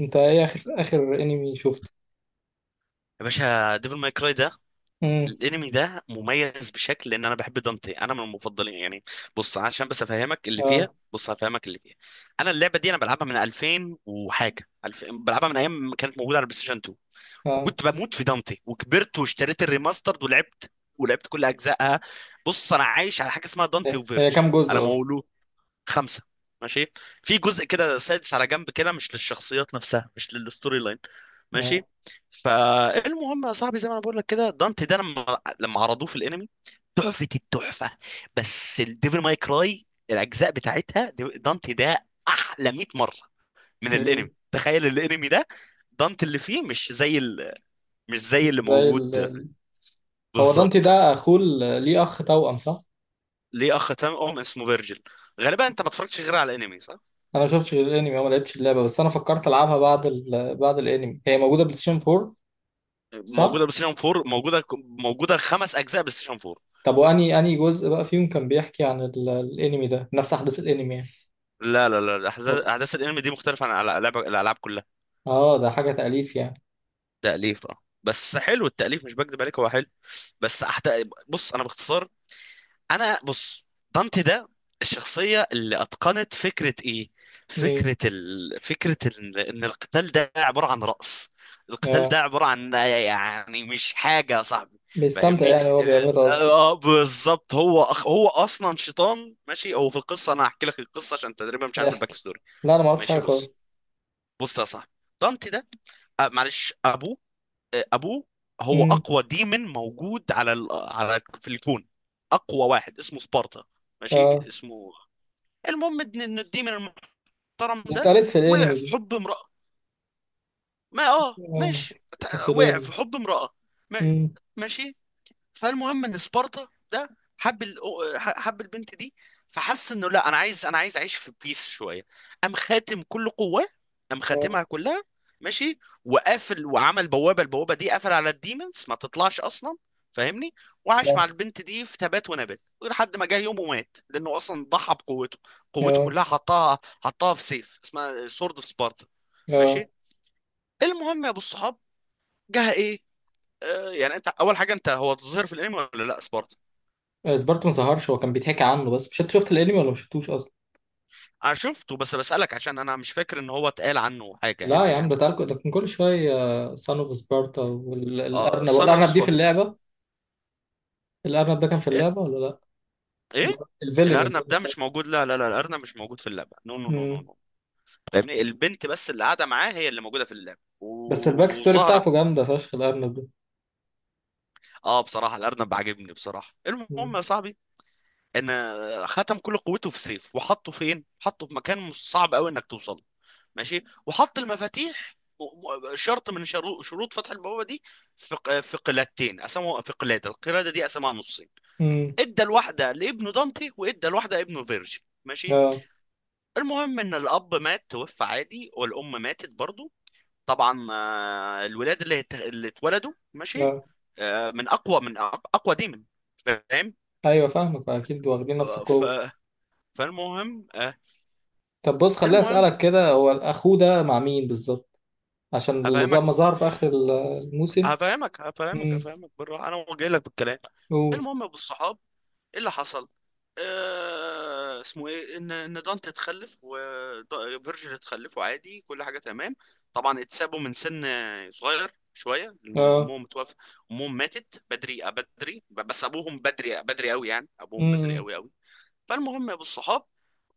انت ايه اخر انمي شفته؟ يا باشا ديفل ماي كراي ده. امم. الانمي ده مميز بشكل لان انا بحب دانتي، انا من المفضلين يعني. بص عشان بس افهمك اللي فيها، اه. بص هفهمك اللي فيها. انا اللعبه دي انا بلعبها من 2000 وحاجه، 2000 بلعبها من ايام ما كانت موجوده على البلاي ستيشن 2. اه. كنت بموت في دانتي، وكبرت واشتريت الريماسترد ولعبت، ولعبت كل اجزائها. بص انا عايش على حاجه اسمها دانتي هي وفيرجل. كام انا جزء اصلا؟ مولود. خمسة. ماشي. في جزء كده سادس على جنب كده مش للشخصيات نفسها، مش للستوري لاين. اه. ماشي. فالمهم يا صاحبي، زي ما انا بقول لك كده، دانتي ده لما عرضوه في الانمي، تحفة التحفة. بس الديفل ماي كراي الاجزاء بتاعتها دانتي ده احلى 100 مرة من الانمي. مم. تخيل الانمي ده دانتي اللي فيه مش زي اللي زي ال موجود. ال- هو دانتي بالظبط. ده اخوه ليه اخ توأم، صح؟ ليه اخ تام، اسمه فيرجل. غالبا انت ما اتفرجتش غير على الانمي، صح؟ انا ما شفتش غير الانمي. أنا ما لعبتش اللعبه، بس انا فكرت العبها بعد بعد الانمي. هي موجوده بلاي ستيشن 4. موجوده صح؟ بلاي ستيشن 4، موجوده، موجوده خمس اجزاء بلاي ستيشن 4. طب واني جزء بقى فيهم كان بيحكي عن الانمي؟ ده نفس احداث الانمي يعني؟ لا احداث، ولا؟ أحداث الانمي دي مختلفه عن العاب، الالعاب كلها. اه، ده حاجه تأليف يعني. تاليف، اه، بس حلو التاليف، مش بكذب عليك هو حلو. بس أحت... بص انا باختصار. انا بص. دانتي ده الشخصية اللي اتقنت فكرة ايه؟ ايه. ان القتال ده عبارة عن رقص. القتال اه، ده عبارة عن، يعني مش حاجة يا صاحبي. بيستمتع فاهمني. يعني، هو بيعملها اه. قصدي. بالظبط. هو اصلا شيطان، ماشي. هو في القصة، انا هحكي لك القصة عشان تقريبا مش عارف الباك احكي. ستوري. لا، انا ما اعرفش ماشي حاجه بص. خالص. بص يا صاحبي، دانتي ده، معلش، ابوه، ابوه هو امم. اقوى ديمن موجود على، في الكون. اقوى واحد، اسمه سبارتا. ماشي اه. اسمه. المهم ان الديمن المحترم دي ده اتقالت في وقع الانمي في دي؟ حب امرأة. ما اه اه. ماشي كانت تع- وقع الانمي. في حب امرأة. ما... امم. ماشي. فالمهم ان سبارتا ده حب حب البنت دي، فحس انه لا، انا عايز اعيش في بيس شويه. قام خاتم كل قواه، قام خاتمها اه. كلها. ماشي. وقافل وعمل بوابه، البوابه دي قفل على الديمونز ما تطلعش اصلا. فاهمني. وعاش مع كان- البنت دي في تبات ونبات لحد ما جه يوم ومات، لانه اصلا ضحى بقوته. قوته اه. كلها حطها، حطها في سيف اسمها سورد اوف سبارتا. اه. ماشي. المهم يا ابو الصحاب، جه ايه؟ آه يعني انت اول حاجه، انت هو تظهر في الانمي ولا لا، سبارتا؟ آه، سبارتا ما ظهرش، هو كان بيتحكي عنه بس. مش انت شفت الانمي ولا ما شفتوش اصلا؟ انا شفته بس بسألك عشان انا مش فاكر ان هو اتقال عنه حاجة يعني لا يا عم، ده بالانمي. تعال، ده كان كل شويه. سان اوف سبارتا. اه والارنب صنع والارنب دي في صبح. اللعبه؟ الارنب ده كان في ايه. اللعبه ولا لا؟ ال- ايه. الفيلن، الارنب الفيلن. ده مش موجود، لا الارنب مش موجود في اللعبة، نو نو نو نو امم. نو فاهمني، البنت بس اللي قاعدة معاه هي اللي موجودة في اللعبة، بس الباك ستوري وزهرة. بتاعته جامده فشخ، الارنب ده. اه بصراحة الارنب عاجبني بصراحة. المهم امم. يا صاحبي، ان ختم كل قوته في سيف وحطه فين، حطه في مكان مش صعب قوي انك توصل. ماشي. وحط المفاتيح شرط من شروط فتح البوابه دي في في قلادتين، قسموا في قلاده، القلاده دي قسمها نصين. أمم. ادى الواحده لابنه دانتي وادى الواحده لابنه فيرجي. ماشي. اه. المهم ان الاب مات، توفى عادي، والام ماتت برضو طبعا. الولاد اللي اللي اتولدوا، ماشي، اه. من اقوى، اقوى ديمن. فاهم. ايوه، فاهمك اكيد، واخدين نفس آه، ف القوه. فالمهم طب بص خليني المهم. اسالك كده، هو اخوه ده مع مين بالظبط؟ عشان اللي زي هفهمك ما ظهر في آخر الموسم. هفهمك هفهمك امم. هفهمك بالراحه، انا جاي لك بالكلام. قول. المهم يا ابو الصحاب، ايه اللي حصل؟ آه اسمه ايه، ان دانت اتخلف، وفيرجل اتخلف، وعادي كل حاجه تمام. طبعا اتسابوا من سن صغير شويه لأن اه. امهم متوفى. امهم ماتت بدري، بدري، بس ابوهم بدري، بدري قوي يعني، ابوهم بدري امم. قوي قوي. فالمهم يا ابو الصحاب،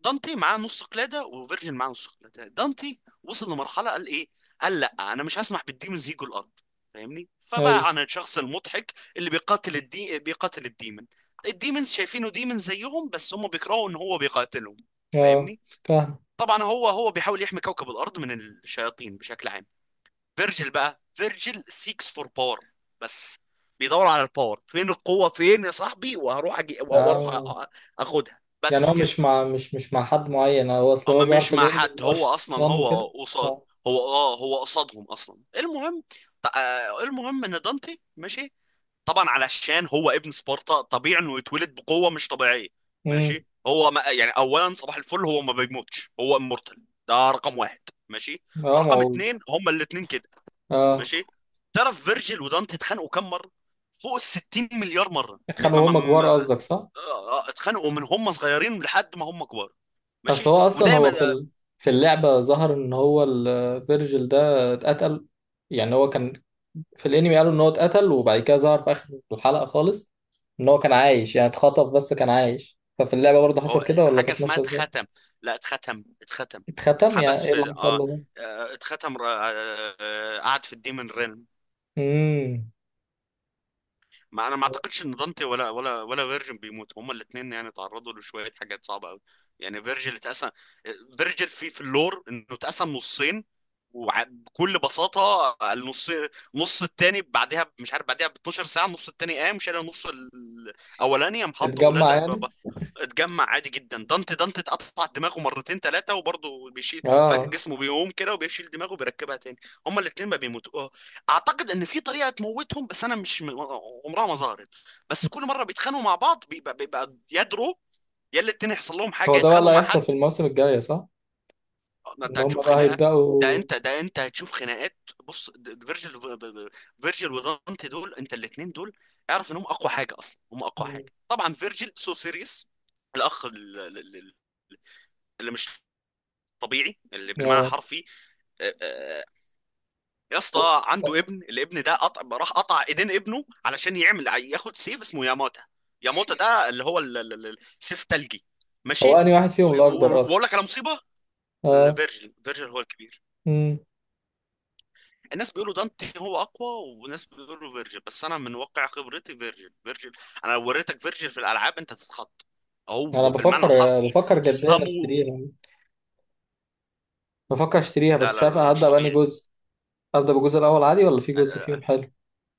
دانتي معاه نص قلاده وفيرجن معاه نص قلاده. دانتي وصل لمرحله قال ايه، قال لا، انا مش هسمح بالديمونز يجوا الارض. فاهمني، اي. فبقى عن الشخص المضحك اللي بيقاتل الديمن. الديمونز شايفينه ديمن زيهم، بس هم بيكرهوا ان هو بيقاتلهم. اه. فاهمني. فاهم. طبعا هو بيحاول يحمي كوكب الارض من الشياطين بشكل عام. فيرجل بقى، فيرجل سيكس فور باور. بس بيدور على الباور، فين القوه فين يا صاحبي، وهروح أجي... واروح أ- اه. أ- اخدها يعني بس هو كده. مش مع حد معين. هو اصل هو اما ظهر مش في مع الانمي ان حد، هو هو اصلا شيطان هو وكده. قصاد. اه. هو قصادهم اصلا. المهم المهم ان دانتي، ماشي، طبعا علشان هو ابن سبارتا طبيعي انه يتولد بقوه مش طبيعيه. امم. ماشي. هو ما يعني اولا صباح الفل، هو ما بيموتش، هو امورتال. ده رقم واحد. ماشي. اه. ما رقم هو. اتنين، هما الاتنين كده. اه. ماشي. تعرف فيرجيل ودانتي اتخانقوا كام مره؟ فوق ال 60 مليار مره. كانوا هما م- كبار م- قصدك، صح؟ اتخانقوا من هم صغيرين لحد ما هم كبار. اصل ماشي. هو اصلا هو ودايما. في اللعبة ظهر ان هو الفيرجل ده اتقتل. يعني هو كان في الانمي قالوا ان هو اتقتل، وبعد كده ظهر في اخر الحلقة خالص ان هو كان عايش. يعني اتخطف بس كان عايش. ففي اللعبة برضه حصل هو كده ولا حاجه كانت اسمها ماشية ازاي؟ اتختم. لا اتختم. اتختم يعني اتحبس ايه اللي في، حصل اه، له ده؟ اتختم، قعد في الديمن ريلم. امم. ما انا ما اعتقدش ان دانتي ولا فيرجن بيموت. هما الاثنين يعني تعرضوا لشويه حاجات صعبه قوي. يعني فيرجل اتقسم، فيرجل في اللور انه اتقسم نصين. وبكل بساطه النص، نص التاني بعدها مش عارف بعدها ب 12 ساعه النص التاني قام شال النص الاولاني، قام حطه اتجمع ولزق يعني؟ بابا. اتجمع عادي جدا. دانتي اتقطع دماغه مرتين ثلاثه وبرضه بيشيل، فجأة اه. جسمه بيقوم كده وبيشيل دماغه وبيركبها تاني. هما الاثنين ما بيموتوا. اعتقد ان في طريقه تموتهم بس انا مش م- عمرها ما ظهرت. بس كل مره بيتخانقوا مع بعض بيبقى يدروا، يا اللي التاني يحصل لهم حاجه، هو ده بقى اللي يتخانقوا مع هيحصل حد. في الموسم الجاي، صح؟ ده انت ان هم هتشوف بقى خناقه. ده هيبدأوا. انت ده انت هتشوف خناقات. بص فيرجيل، فيرجيل ودانتي دول، انت الاثنين دول اعرف انهم اقوى حاجه اصلا، هم اقوى مم. حاجه طبعا. فيرجيل سو سيريس، الاخ اللي مش طبيعي، اللي بالمعنى اه. حرفي. يا هو اسطى عنده ابن، الابن ده قطع، راح قطع ايدين ابنه علشان يعمل، ياخد سيف اسمه ياماتا. ياماتا ده اللي هو سيف تلجي. هو ماشي. انهي واحد فيهم و- الاكبر و- واقول اصلا؟ لك على مصيبه. اه. فيرجل هو الكبير. امم. الناس بيقولوا دانتي هو اقوى، وناس بيقولوا فيرجل، بس انا من واقع خبرتي فيرجل، فيرجل. انا لو وريتك فيرجل في الالعاب انت تتخض، انا هو بالمعنى بفكر الحرفي. بفكر جديا سامو، اشتريها يعني. بفكر اشتريها لا بس مش لا عارف لا لا، مش هبدأ بأنهي طبيعي. جزء؟ ابدأ بالجزء الاول عادي ولا في جزء فيهم حلو؟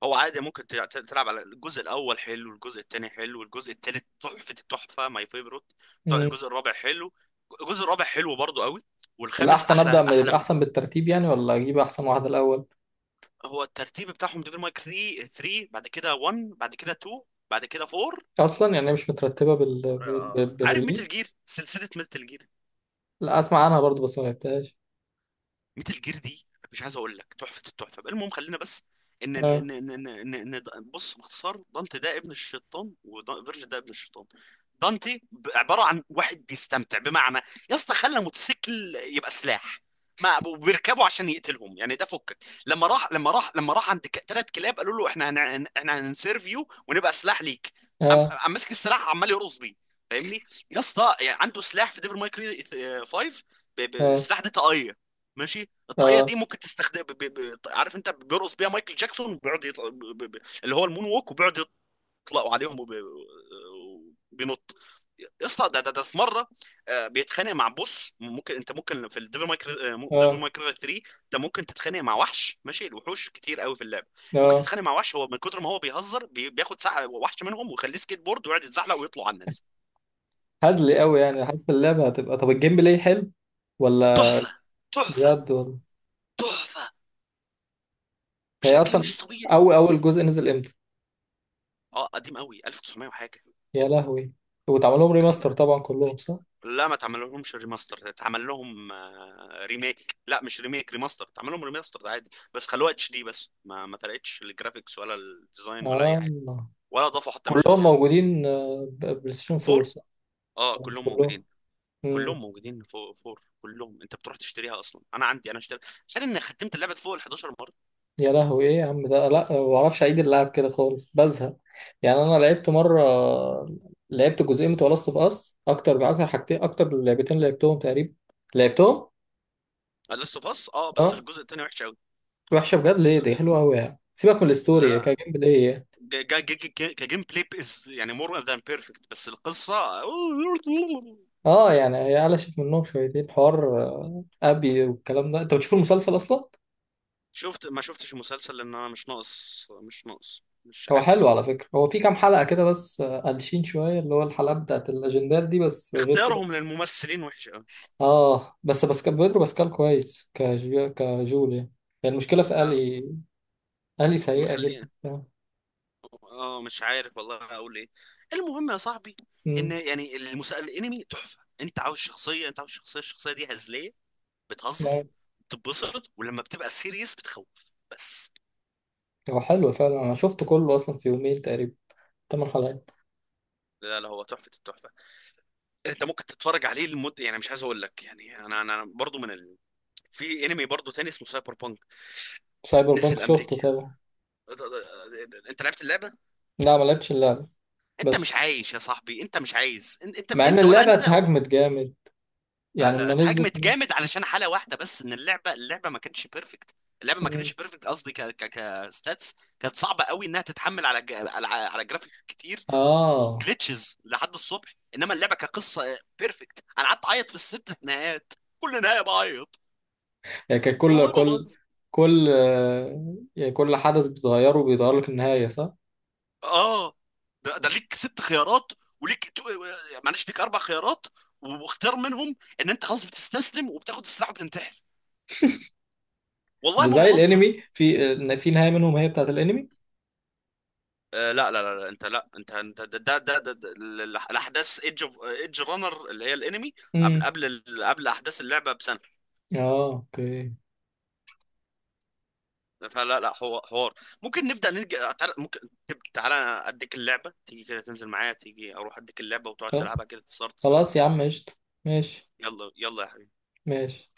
هو عادي، ممكن تلعب على الجزء الاول، حلو. الجزء الثاني حلو. الجزء الثالث تحفه التحفه، ماي فيفورت. الجزء الرابع حلو، الجزء الرابع حلو برضو قوي. والخامس الأحسن أبدأ احلى احلاهم. أحسن بالترتيب يعني ولا أجيب أحسن واحدة الأول؟ هو الترتيب بتاعهم ديفل مايك 3، 3 بعد كده 1، بعد كده 2، بعد كده 4. أصلا يعني هي مش مترتبة عارف ميتال بالريليز. جير، سلسله ميتال جير، لا، أسمع عنها برضو بس ما لعبتهاش. ميتال جير دي مش عايز اقول لك تحفه التحفه. بقى المهم خلينا بس، ان آه. ان ان ان, إن, إن د- بص باختصار، دانتي ده ابن الشيطان، وفيرجن ده ابن الشيطان. دانتي عباره عن واحد بيستمتع بمعنى، يا اسطى خلى موتوسيكل يبقى سلاح ما بيركبوا عشان يقتلهم يعني. ده فكك. لما راح عند ثلاث كلاب قالوا له احنا احنا هنسيرفيو ونبقى سلاح ليك. قام آه. قام ماسك السلاح عمال يرقص بيه. فاهمني. يا اسطى يعني عنده سلاح في ديفل ماي كراي 5، آه. السلاح ده طاقيه. ماشي. الطاقيه آه. دي ممكن تستخدم، عارف انت بيرقص بيها مايكل جاكسون بيقعد يطلع، اللي هو المون ووك، وبيقعد يطلقوا عليهم، وبينط. يا اسطى، ده في مره بيتخانق مع بوس، ممكن انت ممكن في الديفل مايك، ديفل آه. مايك 3 انت ممكن تتخانق مع وحش، ماشي الوحوش كتير قوي في اللعبه، ممكن آه. تتخانق مع وحش هو من كتر ما هو بيهزر بياخد ساعه وحش منهم ويخليه سكيت بورد ويقعد يتزحلق ويطلع على الناس. هزلي أوي يعني، حاسس اللعبة هتبقى طب. الجيم بلاي حلو ولا؟ تحفه. تحفه. بجد ولا؟ تحفه هي بشكل أصلا، مش طبيعي. أول أول جزء نزل إمتى؟ اه قديم قوي، 1900 وحاجه. يا لهوي. واتعمل لهم قديم. ريماستر طبعا كلهم، صح؟ لا ما تعمل لهمش ريماستر، اتعمل لهم ريميك، لا مش ريميك، ريماستر، اتعمل لهم ريماستر ده عادي، بس خلوها اتش دي بس، ما فرقتش الجرافيكس ولا الديزاين ولا اي آه. حاجه، ولا اضافوا حتى ميشن كلهم زياده. موجودين، بلاي ستيشن 4، فور، صح؟ اه مش كلهم كلهم. موجودين. كلهم موجودين فور, فور. كلهم انت بتروح تشتريها اصلا، انا عندي، انا اشتري. تخيل اني ختمت اللعبه فوق ال 11 مره. يا لهوي، ايه يا عم ده، لا ما بعرفش اعيد اللعب كده خالص، بزهق. يعني انا لعبت مره. لعبت جزئين بتوع لاست اوف اس، اكتر باكتر، حاجتين اكتر من لعبتين لعبتهم تقريبا. لعبتهم. لاست اوف اس، اه بس اه. الجزء الثاني وحش قوي. وحشه بجد ليه؟ دي حلوه قوي يعني، سيبك من الستوري، هي لا، كانت جيم بلاي يعني. كجيم بلاي is يعني مور ذان بيرفكت، بس القصه. اه، يعني هي قلشت منهم شويتين حوار ابي والكلام ده. انت بتشوف المسلسل اصلا؟ شفت، ما شفتش المسلسل لان انا مش ناقص مش هو حلو عاوز. على فكره. هو في كام حلقه كده بس قلشين شويه، اللي هو الحلقه بتاعت الاجندات دي بس، غير. اختيارهم للممثلين وحش قوي. اه، بس باسكال. بيدرو باسكال كويس كجو كجول يعني. يعني المشكله في لا الي. الي سيئه جدا. مخليه، اه مش عارف والله اقول ايه. المهم يا صاحبي، ان امم. يعني المسلسل، الانمي تحفه، انت عاوز شخصيه، انت عاوز شخصيه الشخصيه دي هزليه، بتهزر، يعني بتتبسط، ولما بتبقى سيريس بتخوف. بس. هو حلو فعلا، انا شفته كله اصلا في يومين تقريبا. ثمان حلقات. لا هو تحفه التحفه. انت ممكن تتفرج عليه لمده يعني، مش عايز اقول لك يعني. انا برضو في انمي برضو تاني اسمه سايبر بانك، سايبر بانك نزل شفته امريكا. طبعا. انت لعبت اللعبه؟ لا ما لعبتش اللعبه. انت بس مش ش- عايش يا صاحبي، انت مش عايز، انت انت مع ان انت ولا اللعبه انت. اتهاجمت جامد، يعني لا، لما نزلت. اتهاجمت جامد علشان حالة واحدة بس، ان اللعبة، اللعبة ما كانتش بيرفكت. اللعبة ما مم. كانتش بيرفكت قصدي، ك ك كستاتس كانت صعبة قوي انها تتحمل على على جرافيك كتير، اه، وجلitches لحد الصبح. انما اللعبة كقصة بيرفكت، انا قعدت اعيط في الست نهايات، كل نهاية بعيط. يعني كان كل والله ما كل بهزر. كل آه، يعني كل حدث بتغيره بيغير لك النهايه، صح؟ اه ده, ده ليك ست خيارات، وليك تو- معلش ليك اربع خيارات، واختار منهم ان انت خلاص بتستسلم وبتاخد السلاح وبتنتحر. والله ده ما زي بهزر. الانمي في في نهايه منهم هي بتاعت الانمي. آه لا، انت ده الاحداث ايدج اوف ايدج رانر اللي هي الانمي قبل، امم. قبل احداث اللعبه بسنه. اه. اوكي. فلا لا هو حوار، ممكن نبدا نج... تعال- ممكن تب- تعالى اديك اللعبه، تيجي كده تنزل معايا تيجي، اروح اديك اللعبه وتقعد آه. تلعبها كده تصارت سوا. خلاص يا عم، قشطة. ماشي. يلا يا حبيبي. ماشي.